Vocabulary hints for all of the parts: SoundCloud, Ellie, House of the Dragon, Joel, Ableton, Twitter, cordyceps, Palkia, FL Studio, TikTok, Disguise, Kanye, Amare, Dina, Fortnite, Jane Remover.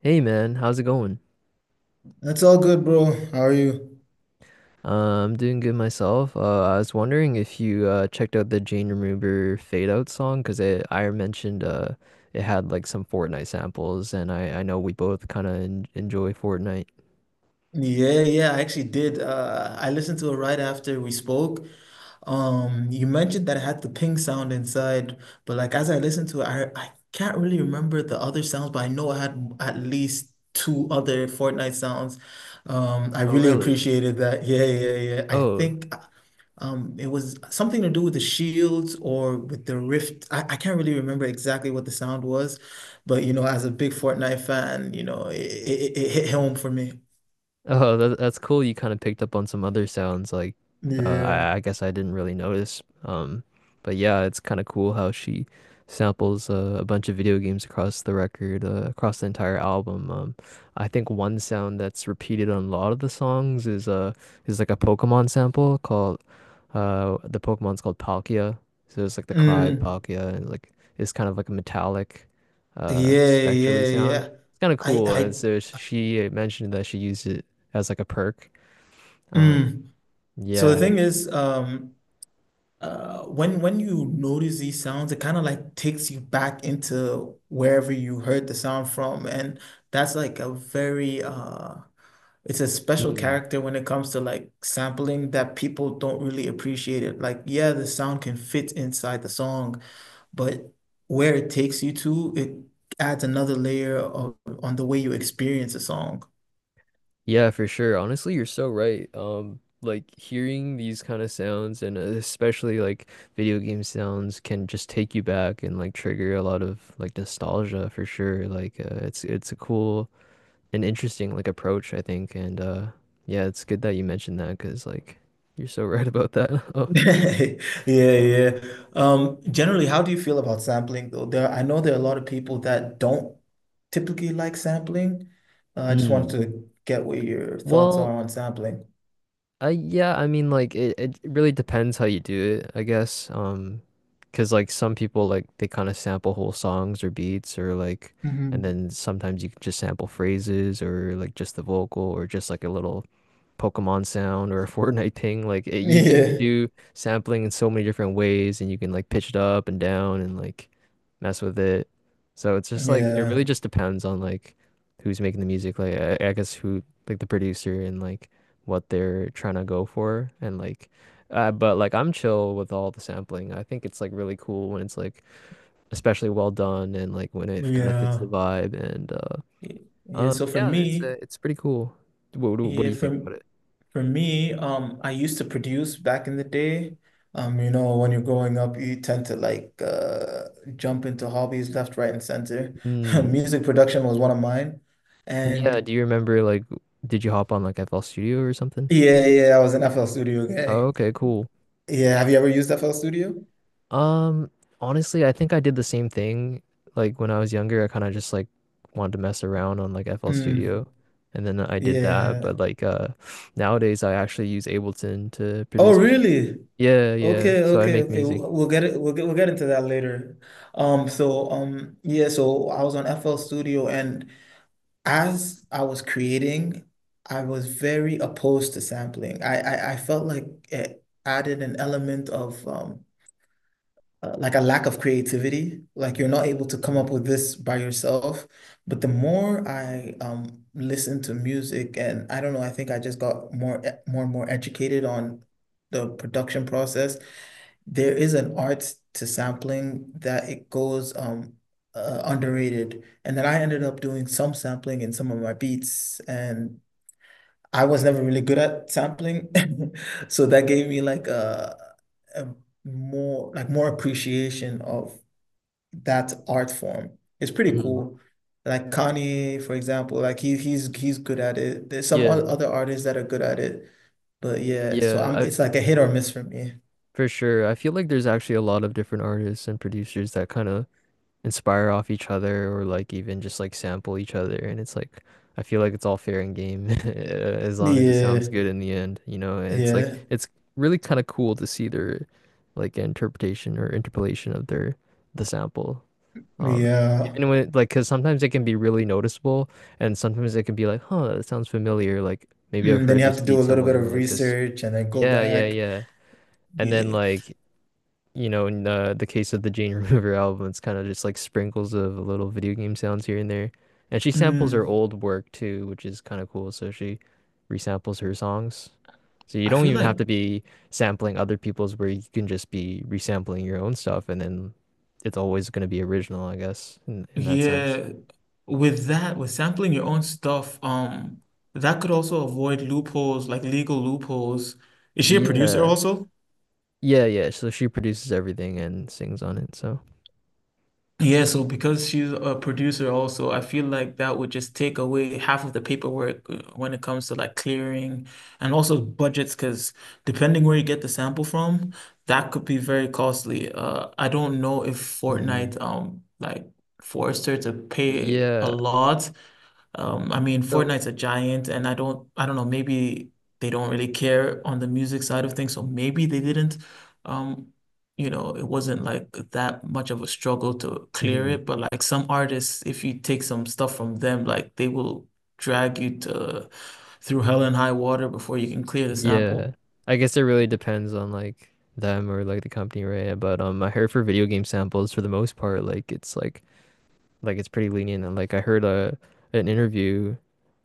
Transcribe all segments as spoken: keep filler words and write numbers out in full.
Hey man, how's it going? That's all good, bro. How are you? Uh, I'm doing good myself. Uh, I was wondering if you uh, checked out the Jane Remover Fade Out song because it I mentioned uh, it had like some Fortnite samples, and I I know we both kind of en enjoy Fortnite. Yeah, yeah, I actually did. Uh, I listened to it right after we spoke. Um, you mentioned that it had the ping sound inside, but like as I listened to it, I I can't really remember the other sounds, but I know I had at least two other Fortnite sounds. Um, I Oh really really? appreciated that. Yeah, yeah, yeah. I Oh, think Um, it was something to do with the shields or with the rift. I, I can't really remember exactly what the sound was, but you know, as a big Fortnite fan, you know, it, it, it hit home for me. Oh, that, that's cool. You kind of picked up on some other sounds like uh, Yeah. I, I guess I didn't really notice. Um, but yeah, it's kind of cool how she samples uh, a bunch of video games across the record, uh, across the entire album. Um, I think one sound that's repeated on a lot of the songs is uh is like a Pokemon sample called uh the Pokemon's called Palkia. So it's like the cry of Mm, Palkia and like it's kind of like a metallic uh yeah, spectrally yeah, sound. yeah. It's kind of I, cool. And I, so sh- she mentioned that she used it as like a perk. Um, mm. So the yeah. thing is, um, uh, when when you notice these sounds, it kind of like takes you back into wherever you heard the sound from, and that's like a very uh it's a special Mm. character when it comes to like sampling that people don't really appreciate it. Like, yeah, the sound can fit inside the song, but where it takes you to, it adds another layer of on the way you experience a song. Yeah, for sure. Honestly, you're so right. Um, like hearing these kind of sounds and uh, especially like video game sounds can just take you back and like trigger a lot of like nostalgia for sure. Like uh, it's it's a cool and interesting like approach, I think. And uh yeah, it's good that you mentioned that because like you're so right about that. Yeah, Oh, uh, yeah. Um, generally, how do you feel about sampling though? There, I know there are a lot of people that don't typically like sampling. Uh, I just wanted hmm. to get what your thoughts are Well, on sampling. Uh, yeah, I mean, like it, it really depends how you do it, I guess. Um, 'cause like some people like they kind of sample whole songs or beats or like, and Mhm. then sometimes you can just sample phrases or like just the vocal or just like a little Pokemon sound or a Fortnite thing. Like it, you can Yeah, do sampling in so many different ways, and you can like pitch it up and down and like mess with it. So it's just like it yeah, really just depends on like who's making the music. Like I, I guess who like the producer and like what they're trying to go for and like. Uh, but like I'm chill with all the sampling. I think it's like really cool when it's like especially well done and like when it kind of fits the yeah, vibe and uh yeah. um So for yeah, it's uh, me, it's pretty cool. What, what do yeah, you think for about For me, um, I used to produce back in the day. Um, you know, when you're growing up, you tend to like uh, jump into hobbies left, right, and center. it? Music production was one of mine. Yeah, And do you remember like did you hop on like F L Studio or something? yeah, yeah, I was an F L Studio Oh, guy. okay, cool. Yeah, have you ever used F L Studio? Um, Honestly, I think I did the same thing. Like when I was younger, I kind of just like wanted to mess around on like F L Mm, Studio and then I did that, but yeah. like uh nowadays I actually use Ableton to Oh, produce. really? Yeah, yeah. Okay, So I okay, make okay. music. We'll we'll get it. We'll get we'll get into that later. Um. So um. Yeah. So I was on F L Studio, and as I was creating, I was very opposed to sampling. I I, I felt like it added an element of um uh, like a lack of creativity. Like you're not able to come up Mm. with this by yourself. But the more I um listened to music, and I don't know, I think I just got more e- more and more educated on the production process. There is an art to sampling that it goes um uh, underrated. And then I ended up doing some sampling in some of my beats, and I was never really good at sampling, so that gave me like a, a more like more appreciation of that art form. It's pretty Mhm. cool. Like Kanye, for example, like he he's he's good at it. There's some Yeah, o- other artists that are good at it, but yeah. So yeah, I'm I it's like a hit or miss for me. for sure. I feel like there's actually a lot of different artists and producers that kind of inspire off each other or like even just like sample each other and it's like I feel like it's all fair and game as long as it sounds Yeah, good in the end, you know, and it's like yeah. it's really kind of cool to see their like interpretation or interpolation of their the sample. Um Yeah. Even when like because sometimes it can be really noticeable and sometimes it can be like, huh, that sounds familiar, like maybe I've Mm, then heard you have this to do beat a little bit somewhere or of like this. research and then go Yeah, yeah, back. yeah. And then Yeah. like you know, in the the case of the Jane Remover album, it's kind of just like sprinkles of little video game sounds here and there. And she samples her Mm, old work too, which is kind of cool. So she resamples her songs. So you I don't feel even like, have to be sampling other people's where you can just be resampling your own stuff and then it's always going to be original, I guess, in in that sense. yeah, with that, with sampling your own stuff, um, that could also avoid loopholes, like legal loopholes. Is she a producer Yeah. also? Yeah, yeah. So she produces everything and sings on it. So, Yeah, so because she's a producer also, I feel like that would just take away half of the paperwork, uh, when it comes to like clearing and also budgets, because depending where you get the sample from, that could be very costly. Uh, I don't know if mhm. Fortnite um like forced her to pay a Yeah. lot. um, I mean, So, Fortnite's a giant, and I don't, I don't know, maybe they don't really care on the music side of things, so maybe they didn't. Um, you know, it wasn't like that much of a struggle to clear mhm. it, but like some artists, if you take some stuff from them, like they will drag you to through hell and high water before you can clear the Yeah. sample. I guess it really depends on like them or like the company, right? But um I heard for video game samples for the most part, like it's like like it's pretty lenient and like I heard a an interview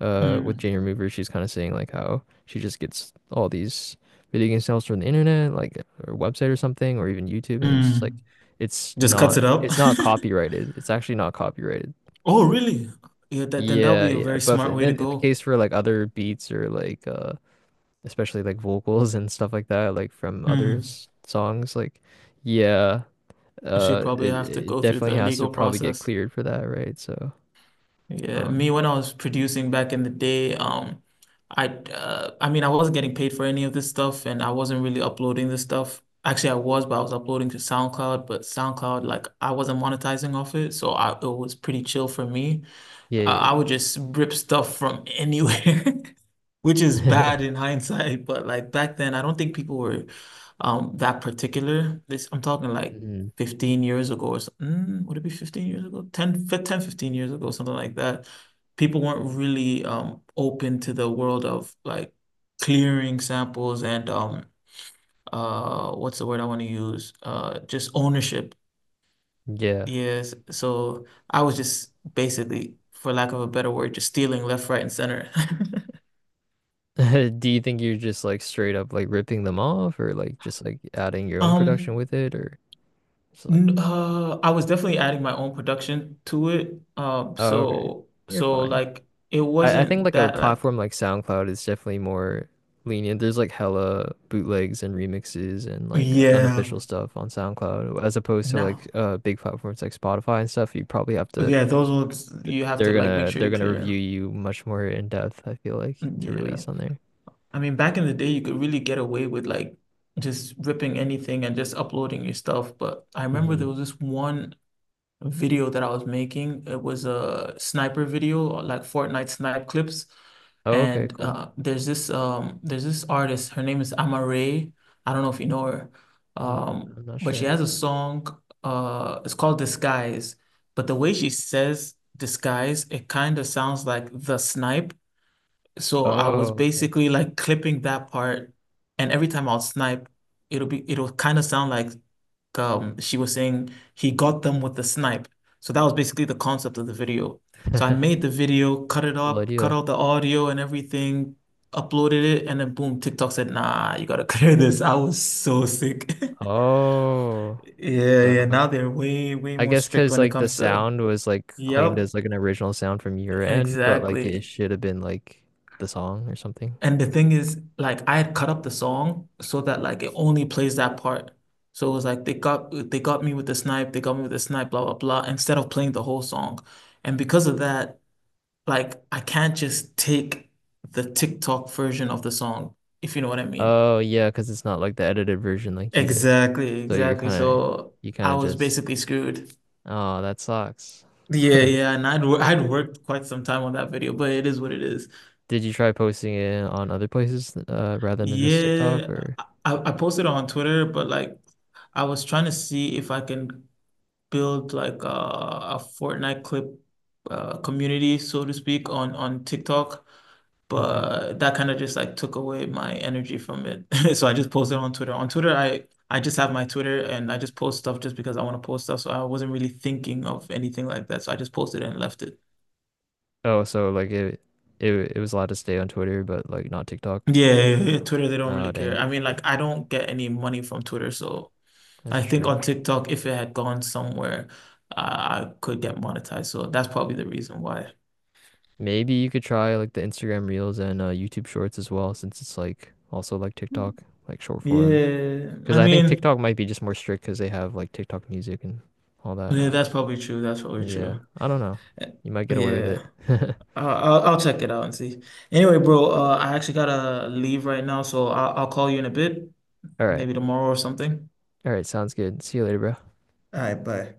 uh with Mm, Jane Remover, she's kinda saying like how she just gets all these video game samples from the internet, like or website or something, or even YouTube and it's just like mm. it's Just cuts not it up. it's not copyrighted. It's actually not copyrighted. Oh, So really? Yeah, that then that would yeah, be a yeah. very But smart way to then in the go. case for like other beats or like uh especially like vocals and stuff like that, like from other Hmm. s- songs. Like, yeah, She'll uh, probably it, have to it go through definitely the has to legal probably get process. cleared for that, right? So, Yeah, me um, when I was producing back in the day, um, I uh, I mean I wasn't getting paid for any of this stuff, and I wasn't really uploading this stuff. Actually, I was, but I was uploading to SoundCloud, but SoundCloud like I wasn't monetizing off it, so I it was pretty chill for me. Uh, yeah, I yeah, would just rip stuff from anywhere, which is yeah. bad in hindsight. But like back then, I don't think people were um that particular. This I'm talking like Mhm. fifteen years ago or something. Would it be fifteen years ago? ten, fi- ten, fifteen years ago, something like that. People weren't really um open to the world of like clearing samples and um uh what's the word I want to use? Uh just ownership. Yeah. Yes, so I was just basically, for lack of a better word, just stealing left, right, and center. Do you think you're just like straight up like ripping them off, or like just like adding your own production Um, with it, or just like, n- uh, I was definitely adding my own production to it. Um, oh, okay, so you're so fine. like it I, I think wasn't like a that like platform like SoundCloud is definitely more lenient. There's like hella bootlegs and remixes and like yeah, unofficial stuff on SoundCloud as opposed to like no. uh big platforms like Spotify and stuff. You probably have to Yeah, those ones th- you have to they're like make gonna sure they're you're gonna review clear. you much more in depth, I feel like, Mm, to yeah. release on there. I mean, back in the day you could really get away with like just ripping anything and just uploading your stuff, but I remember there Hmm. was this one video that I was making. It was a sniper video, like Fortnite snipe clips. Oh, okay, And cool. uh, there's this um, there's this artist. Her name is Amare. I don't know if you know her, um, Mm, I'm not but she sure. has a song. Uh, it's called Disguise. But the way she says disguise, it kind of sounds like the snipe. So I was Oh, okay. basically like clipping that part, and every time I'll snipe, it'll be it'll kind of sound like um she was saying he got them with the snipe. So that was basically the concept of the video. So I made the video, cut it Cool up, cut idea. out the audio and everything, uploaded it, and then boom, TikTok said, "Nah, you gotta clear this." I was so sick. Oh, Yeah, yeah. so Now they're way, way I more guess strict because when it like the comes to. sound was like claimed Yep, as like an original sound from your end, but like it exactly. should have been like the song or something. And the thing is, like I had cut up the song so that like it only plays that part. So it was like they got they got me with the snipe, they got me with the snipe, blah blah blah, instead of playing the whole song. And because of that, like I can't just take the TikTok version of the song, if you know what I mean. Oh yeah, because it's not like the edited version like you did. Exactly, So you're exactly. kind of So you kind I of was just basically screwed. oh that sucks. Yeah, yeah, and I'd wor- I'd worked quite some time on that video, but it is what it is. Did you try posting it on other places uh, rather than just TikTok Yeah, or? I, I posted it on Twitter, but like I was trying to see if I can build like a, a Fortnite clip, uh, community, so to speak, on on TikTok, Mhm. but that kind of just like took away my energy from it. So I just posted on Twitter. On Twitter, I I just have my Twitter and I just post stuff just because I want to post stuff. So I wasn't really thinking of anything like that. So I just posted and left it. Oh, so like it it it was allowed to stay on Twitter, but like not TikTok. Yeah, yeah, yeah, yeah, Twitter, they don't Oh really care. dang, I mean, like I don't get any money from Twitter, so that's I think true. on TikTok, if it had gone somewhere, I I could get monetized. So that's probably the reason why. Maybe you could try like the Instagram Reels and uh, YouTube Shorts as well, since it's like also like TikTok, like short form. Yeah, Because I I think mean, TikTok might be just more strict because they have like TikTok music and all that. yeah, Uh, that's probably true. That's probably yeah, true. I don't know. Eh, You might get away with yeah, it. I'll, I'll I'll check it out and see. Anyway, bro, uh, I actually gotta leave right now, so I'll, I'll call you in a bit, All right. maybe tomorrow or something. All right. Sounds good. See you later, bro. All right, bye.